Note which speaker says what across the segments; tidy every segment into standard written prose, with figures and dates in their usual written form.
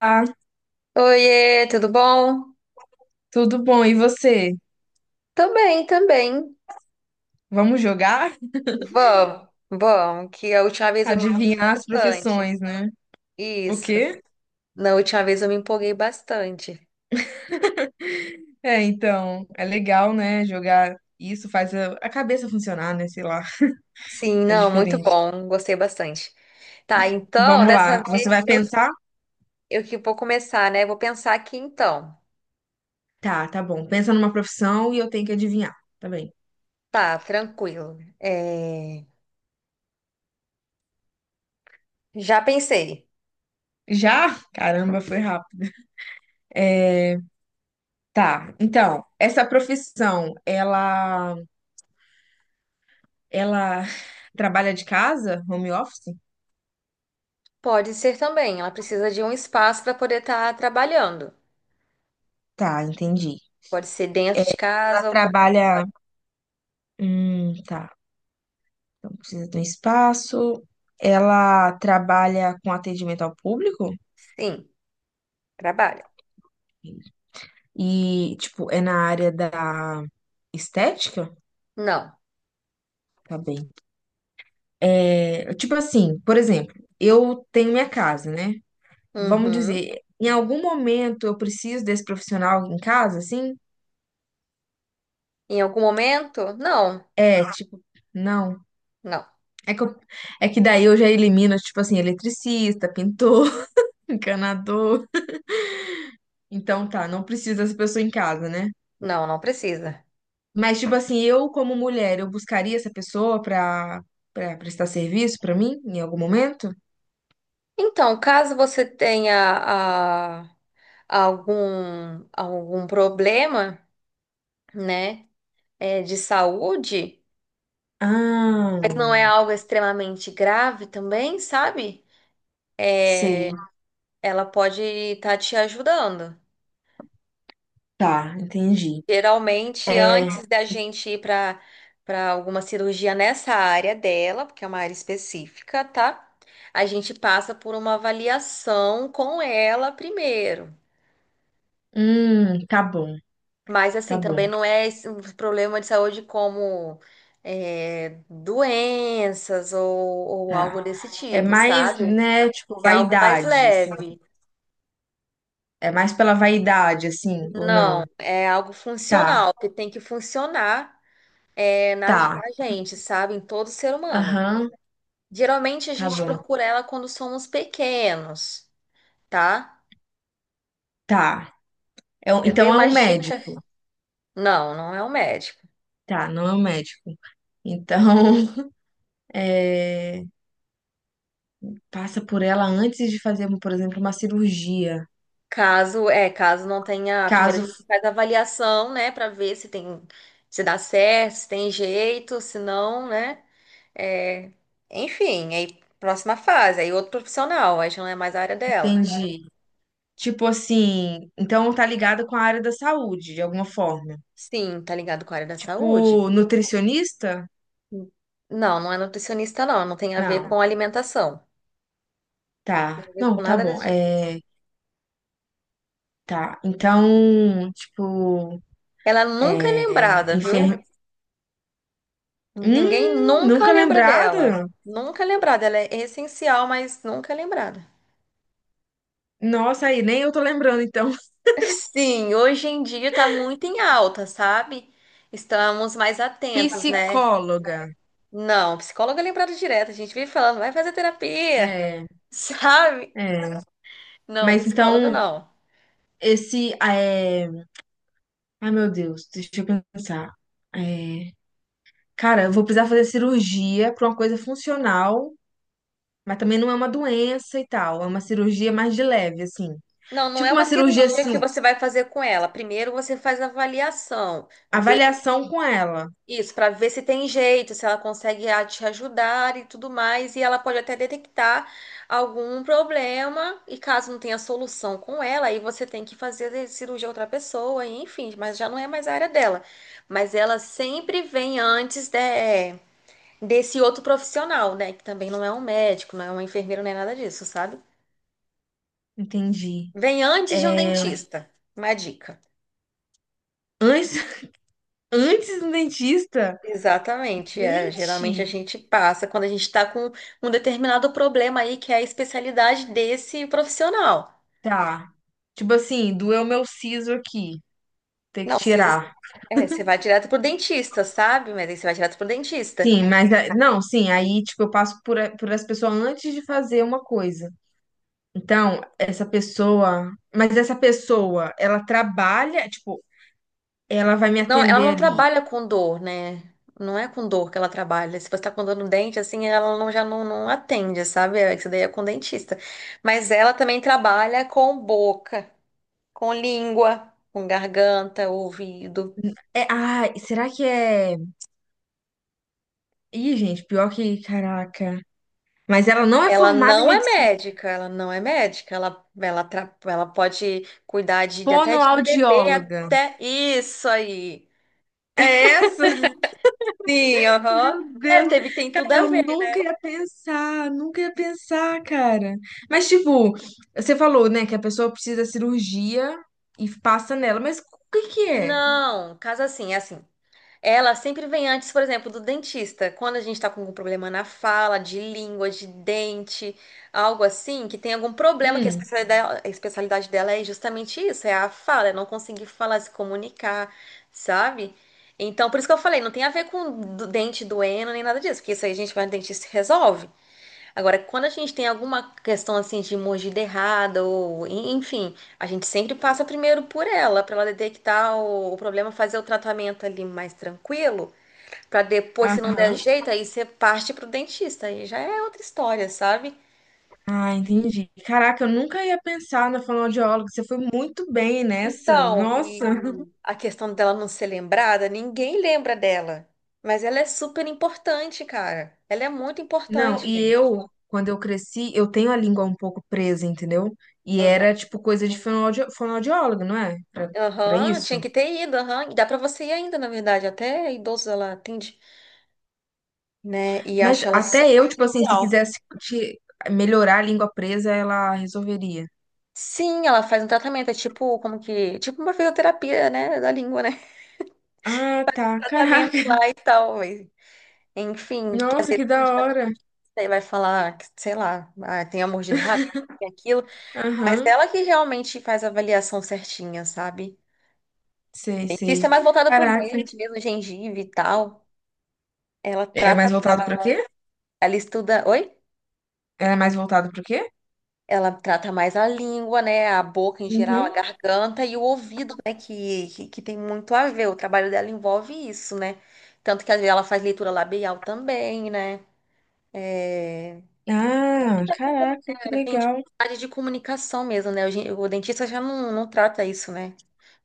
Speaker 1: Ah,
Speaker 2: Oiê, tudo bom?
Speaker 1: tudo bom. E você?
Speaker 2: Também, também.
Speaker 1: Vamos jogar?
Speaker 2: Vamos, vamos, que a última vez eu me empolguei
Speaker 1: Adivinhar as
Speaker 2: bastante.
Speaker 1: profissões, né? O
Speaker 2: Isso,
Speaker 1: quê?
Speaker 2: na última vez eu me empolguei bastante.
Speaker 1: É, então, é legal, né? Jogar isso faz a cabeça funcionar, né? Sei lá,
Speaker 2: Sim,
Speaker 1: é
Speaker 2: não, muito
Speaker 1: diferente.
Speaker 2: bom, gostei bastante. Tá, então,
Speaker 1: Vamos tá, lá.
Speaker 2: dessa
Speaker 1: Você
Speaker 2: vez
Speaker 1: vai
Speaker 2: eu,
Speaker 1: pensar?
Speaker 2: eu que vou começar, né? Vou pensar aqui então.
Speaker 1: Tá, tá bom. Pensa numa profissão e eu tenho que adivinhar. Tá bem.
Speaker 2: Tá, tranquilo. É, já pensei.
Speaker 1: Já? Caramba, foi rápido. Tá. Então, essa profissão, ela trabalha de casa, home office?
Speaker 2: Pode ser também, ela precisa de um espaço para poder estar trabalhando.
Speaker 1: Tá, entendi.
Speaker 2: Pode ser
Speaker 1: É,
Speaker 2: dentro de
Speaker 1: ela
Speaker 2: casa ou pode ser
Speaker 1: trabalha,
Speaker 2: fora.
Speaker 1: tá. Então, precisa de um espaço. Ela trabalha com atendimento ao público
Speaker 2: Sim, trabalha.
Speaker 1: e, tipo, é na área da estética?
Speaker 2: Não.
Speaker 1: Tá bem. É, tipo assim, por exemplo, eu tenho minha casa, né? Vamos
Speaker 2: Uhum.
Speaker 1: dizer, em algum momento eu preciso desse profissional em casa, assim?
Speaker 2: Em algum momento? Não,
Speaker 1: É, tipo, não.
Speaker 2: não,
Speaker 1: É que, é que daí eu já elimino, tipo assim, eletricista, pintor, encanador. Então tá, não precisa dessa pessoa em casa, né?
Speaker 2: não, não precisa.
Speaker 1: Mas, tipo assim, eu, como mulher, eu buscaria essa pessoa pra, pra prestar serviço pra mim em algum momento?
Speaker 2: Então, caso você tenha ah, algum problema, né, de saúde, mas não
Speaker 1: Ah,
Speaker 2: é algo extremamente grave também, sabe?
Speaker 1: sei.
Speaker 2: Ela pode estar te ajudando.
Speaker 1: Tá, entendi.
Speaker 2: Geralmente,
Speaker 1: É,
Speaker 2: antes da gente ir para alguma cirurgia nessa área dela, porque é uma área específica, tá? A gente passa por uma avaliação com ela primeiro.
Speaker 1: tá bom,
Speaker 2: Mas,
Speaker 1: tá
Speaker 2: assim, também
Speaker 1: bom,
Speaker 2: não é esse um problema de saúde como doenças ou algo
Speaker 1: tá.
Speaker 2: desse
Speaker 1: É
Speaker 2: tipo,
Speaker 1: mais,
Speaker 2: sabe?
Speaker 1: né, tipo,
Speaker 2: É algo mais
Speaker 1: vaidade, assim.
Speaker 2: leve.
Speaker 1: É mais pela vaidade, assim, ou não?
Speaker 2: Não, é algo
Speaker 1: Tá,
Speaker 2: funcional, que tem que funcionar na,
Speaker 1: tá.
Speaker 2: na gente, sabe? Em todo ser humano.
Speaker 1: Aham,
Speaker 2: Geralmente a
Speaker 1: tá
Speaker 2: gente
Speaker 1: bom,
Speaker 2: procura ela quando somos pequenos, tá?
Speaker 1: tá.
Speaker 2: Eu dei
Speaker 1: Então é
Speaker 2: uma
Speaker 1: um
Speaker 2: dica.
Speaker 1: médico.
Speaker 2: Não, não é o médico.
Speaker 1: Tá, não é um médico. Então, é, passa por ela antes de fazer, por exemplo, uma cirurgia.
Speaker 2: Caso não tenha, primeiro a
Speaker 1: Caso,
Speaker 2: gente faz a avaliação, né, pra ver se tem, se dá certo, se tem jeito, se não, né? É, enfim, aí próxima fase, aí outro profissional, aí já não é mais a área dela.
Speaker 1: entendi. Tipo assim, então tá ligado com a área da saúde, de alguma forma.
Speaker 2: Sim, tá ligado com a área da
Speaker 1: Tipo,
Speaker 2: saúde?
Speaker 1: nutricionista?
Speaker 2: Sim. Não, não é nutricionista, não, não tem a ver
Speaker 1: Não,
Speaker 2: com alimentação. Tem
Speaker 1: tá.
Speaker 2: a ver com
Speaker 1: Não, tá
Speaker 2: nada
Speaker 1: bom.
Speaker 2: disso.
Speaker 1: É, tá. Então, tipo,
Speaker 2: Ela nunca é
Speaker 1: é,
Speaker 2: lembrada, viu?
Speaker 1: enfer...
Speaker 2: Ninguém nunca
Speaker 1: Nunca
Speaker 2: lembra dela.
Speaker 1: lembrado?
Speaker 2: Nunca é lembrada. Ela é essencial, mas nunca é lembrada.
Speaker 1: Nossa, aí, nem eu tô lembrando, então.
Speaker 2: Sim, hoje em dia tá muito em alta, sabe? Estamos mais atentos, né?
Speaker 1: Psicóloga.
Speaker 2: Não, psicóloga é lembrada direto. A gente vive falando, vai fazer terapia,
Speaker 1: É,
Speaker 2: sabe?
Speaker 1: é.
Speaker 2: Não,
Speaker 1: Mas
Speaker 2: psicólogo
Speaker 1: então,
Speaker 2: não.
Speaker 1: esse, é... Ai, meu Deus, deixa eu pensar. É... cara, eu vou precisar fazer cirurgia pra uma coisa funcional, mas também não é uma doença e tal. É uma cirurgia mais de leve, assim.
Speaker 2: Não, não é
Speaker 1: Tipo
Speaker 2: uma
Speaker 1: uma cirurgia,
Speaker 2: cirurgia
Speaker 1: assim,
Speaker 2: que você vai fazer com ela. Primeiro você faz a avaliação,
Speaker 1: avaliação com ela.
Speaker 2: isso, para ver se tem jeito, se ela consegue te ajudar e tudo mais. E ela pode até detectar algum problema. E caso não tenha solução com ela, aí você tem que fazer a cirurgia a outra pessoa, e enfim, mas já não é mais a área dela. Mas ela sempre vem antes desse outro profissional, né? Que também não é um médico, não é uma enfermeira, não é nada disso, sabe?
Speaker 1: Entendi.
Speaker 2: Vem antes de um
Speaker 1: É,
Speaker 2: dentista. Uma dica.
Speaker 1: antes, antes do dentista?
Speaker 2: Exatamente. Geralmente a
Speaker 1: Gente,
Speaker 2: gente passa quando a gente está com um determinado problema aí, que é a especialidade desse profissional.
Speaker 1: tá. Tipo assim, doeu meu siso aqui, ter que
Speaker 2: Não, precisa ser.
Speaker 1: tirar.
Speaker 2: É, você vai direto pro dentista, sabe? Mas aí você vai direto pro dentista.
Speaker 1: Sim, mas não, sim, aí tipo eu passo por, por essa pessoa antes de fazer uma coisa. Então, essa pessoa, mas essa pessoa, ela trabalha, tipo, ela vai me
Speaker 2: Não, ela não
Speaker 1: atender ali.
Speaker 2: trabalha com dor, né? Não é com dor que ela trabalha. Se você tá com dor no dente, assim, ela não, já não atende, sabe? É, isso daí é com dentista. Mas ela também trabalha com boca, com língua, com garganta, ouvido.
Speaker 1: É, ah, será que é. Ih, gente, pior que. Caraca. Mas ela não é
Speaker 2: Ela
Speaker 1: formada em
Speaker 2: não é
Speaker 1: medicina.
Speaker 2: médica, ela não é médica, ela pode cuidar de até de bebê,
Speaker 1: Fonoaudióloga.
Speaker 2: até isso aí.
Speaker 1: É essa?
Speaker 2: Sim, aham.
Speaker 1: Meu
Speaker 2: É,
Speaker 1: Deus.
Speaker 2: tem tudo
Speaker 1: Cara,
Speaker 2: a
Speaker 1: eu
Speaker 2: ver.
Speaker 1: nunca ia pensar. Nunca ia pensar, cara. Mas, tipo, você falou, né, que a pessoa precisa da cirurgia e passa nela. Mas o que que é?
Speaker 2: Não, caso assim, é assim. Ela sempre vem antes, por exemplo, do dentista. Quando a gente está com algum problema na fala, de língua, de dente, algo assim, que tem algum problema, que
Speaker 1: Hum,
Speaker 2: a especialidade dela é justamente isso, é a fala, é não conseguir falar, se comunicar, sabe? Então, por isso que eu falei, não tem a ver com dente doendo nem nada disso, porque isso aí a gente vai no dentista e resolve. Agora, quando a gente tem alguma questão assim de mordida errada, ou enfim, a gente sempre passa primeiro por ela, para ela detectar o problema, fazer o tratamento ali mais tranquilo, para depois, se não der
Speaker 1: aham.
Speaker 2: jeito, aí você parte pro dentista, aí já é outra história, sabe?
Speaker 1: Ah, entendi. Caraca, eu nunca ia pensar na
Speaker 2: E-
Speaker 1: fonoaudióloga. Você foi muito bem nessa.
Speaker 2: Então,
Speaker 1: Nossa.
Speaker 2: e a questão dela não ser lembrada, ninguém lembra dela, mas ela é super importante, cara. Ela é muito
Speaker 1: Não,
Speaker 2: importante,
Speaker 1: e
Speaker 2: gente.
Speaker 1: eu, quando eu cresci, eu tenho a língua um pouco presa, entendeu? E era, tipo, coisa de fonoaudio fonoaudiólogo, não é? Pra, pra
Speaker 2: Aham,
Speaker 1: isso.
Speaker 2: tinha que ter ido, aham. E dá pra você ir ainda, na verdade, até idoso ela atende, né? E
Speaker 1: Mas
Speaker 2: acha ela
Speaker 1: até
Speaker 2: super
Speaker 1: eu, tipo assim, se
Speaker 2: essencial.
Speaker 1: quisesse melhorar a língua presa, ela resolveria.
Speaker 2: Sim, ela faz um tratamento, é tipo, como que, tipo uma fisioterapia, né, da língua, né?
Speaker 1: Ah, tá.
Speaker 2: Tratamento
Speaker 1: Caraca.
Speaker 2: lá e tal, mas, enfim, que às
Speaker 1: Nossa,
Speaker 2: vezes
Speaker 1: que
Speaker 2: a
Speaker 1: da
Speaker 2: gente vai
Speaker 1: hora.
Speaker 2: você vai falar, que, sei lá, tem a mordida errada, tem aquilo, mas
Speaker 1: Aham.
Speaker 2: ela que realmente faz a avaliação certinha, sabe?
Speaker 1: Sei, sei.
Speaker 2: Dentista é mais voltada pro
Speaker 1: Caraca.
Speaker 2: dente mesmo, gengiva e tal. Ela
Speaker 1: É mais
Speaker 2: trata,
Speaker 1: voltado pro quê?
Speaker 2: ela estuda, oi?
Speaker 1: É mais voltado pro quê?
Speaker 2: Ela trata mais a língua, né? A boca em geral, a
Speaker 1: Uhum.
Speaker 2: garganta e o ouvido, né? Que tem muito a ver. O trabalho dela envolve isso, né? Tanto que às vezes ela faz leitura labial também, né? É...
Speaker 1: Ah, caraca, que
Speaker 2: É, tem
Speaker 1: legal.
Speaker 2: dificuldade de comunicação mesmo, né? O dentista já não trata isso, né?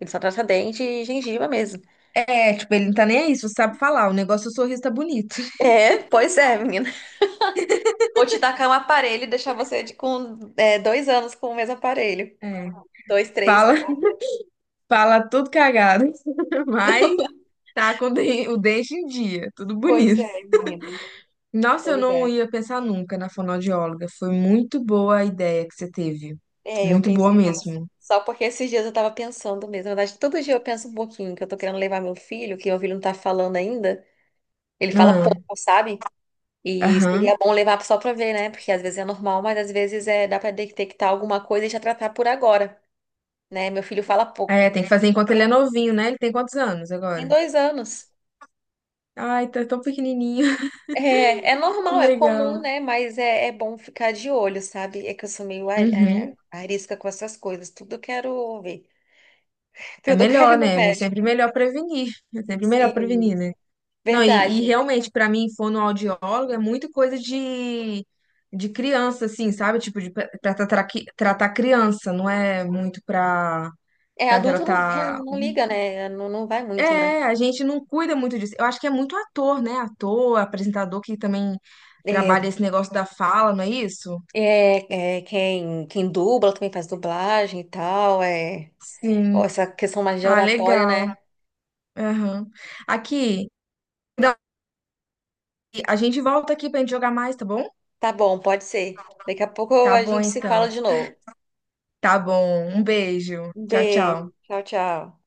Speaker 2: Ele só trata dente e gengiva mesmo.
Speaker 1: É, tipo, ele não tá nem aí, se você sabe falar. O negócio, é o sorriso tá bonito.
Speaker 2: É, pois é, menina. Ou te tacar um aparelho e deixar você com 2 anos com o mesmo aparelho.
Speaker 1: É.
Speaker 2: Dois, três,
Speaker 1: Fala.
Speaker 2: quatro.
Speaker 1: Fala tudo cagado, mas tá com o o dente em dia, tudo
Speaker 2: Pois
Speaker 1: bonito.
Speaker 2: é, menina.
Speaker 1: Nossa, eu
Speaker 2: Pois
Speaker 1: não
Speaker 2: é.
Speaker 1: ia pensar nunca na fonoaudióloga. Foi muito boa a ideia que você teve.
Speaker 2: É, eu
Speaker 1: Muito boa
Speaker 2: pensei nelas.
Speaker 1: mesmo.
Speaker 2: Só porque esses dias eu tava pensando mesmo. Na verdade, todo dia eu penso um pouquinho que eu tô querendo levar meu filho, que meu filho não tá falando ainda. Ele fala
Speaker 1: Ah,
Speaker 2: pouco, sabe? E
Speaker 1: aham.
Speaker 2: seria bom levar só pra ver, né? Porque às vezes é normal, mas às vezes dá pra detectar alguma coisa e já tratar por agora, né? Meu filho fala
Speaker 1: É,
Speaker 2: pouco.
Speaker 1: tem que fazer enquanto ele é novinho, né? Ele tem quantos anos
Speaker 2: Tem
Speaker 1: agora?
Speaker 2: 2 anos.
Speaker 1: Ai, tá tão pequenininho.
Speaker 2: É, é
Speaker 1: Que
Speaker 2: normal, é comum,
Speaker 1: legal.
Speaker 2: né? Mas é bom ficar de olho, sabe? É que eu sou meio
Speaker 1: Uhum.
Speaker 2: arisca com essas coisas. Tudo eu quero ver.
Speaker 1: É
Speaker 2: Tudo eu quero ir
Speaker 1: melhor,
Speaker 2: no
Speaker 1: né? É
Speaker 2: médico.
Speaker 1: sempre melhor prevenir. É sempre melhor
Speaker 2: Sim,
Speaker 1: prevenir, né? Não, e
Speaker 2: verdade.
Speaker 1: realmente, para mim, fonoaudiólogo é muito coisa de criança, assim, sabe? Tipo, de, pra, pra tratar, tratar criança, não é muito pra,
Speaker 2: É,
Speaker 1: pra
Speaker 2: adulto não,
Speaker 1: tratar.
Speaker 2: não, não liga, né? Não, não vai muito, né?
Speaker 1: É, a gente não cuida muito disso. Eu acho que é muito ator, né? Ator, apresentador que também
Speaker 2: É,
Speaker 1: trabalha esse negócio da fala, não é isso?
Speaker 2: quem dubla também faz dublagem e tal. É, ó,
Speaker 1: Sim.
Speaker 2: essa questão mais de
Speaker 1: Ah,
Speaker 2: oratória,
Speaker 1: legal.
Speaker 2: né?
Speaker 1: Aham. Aqui, Dani, a gente volta aqui pra gente jogar mais, tá bom?
Speaker 2: Tá bom, pode ser. Daqui a pouco
Speaker 1: Tá
Speaker 2: a
Speaker 1: bom,
Speaker 2: gente se
Speaker 1: então.
Speaker 2: fala de novo.
Speaker 1: Tá bom. Um beijo.
Speaker 2: Um
Speaker 1: Tchau,
Speaker 2: beijo.
Speaker 1: tchau.
Speaker 2: Tchau, tchau.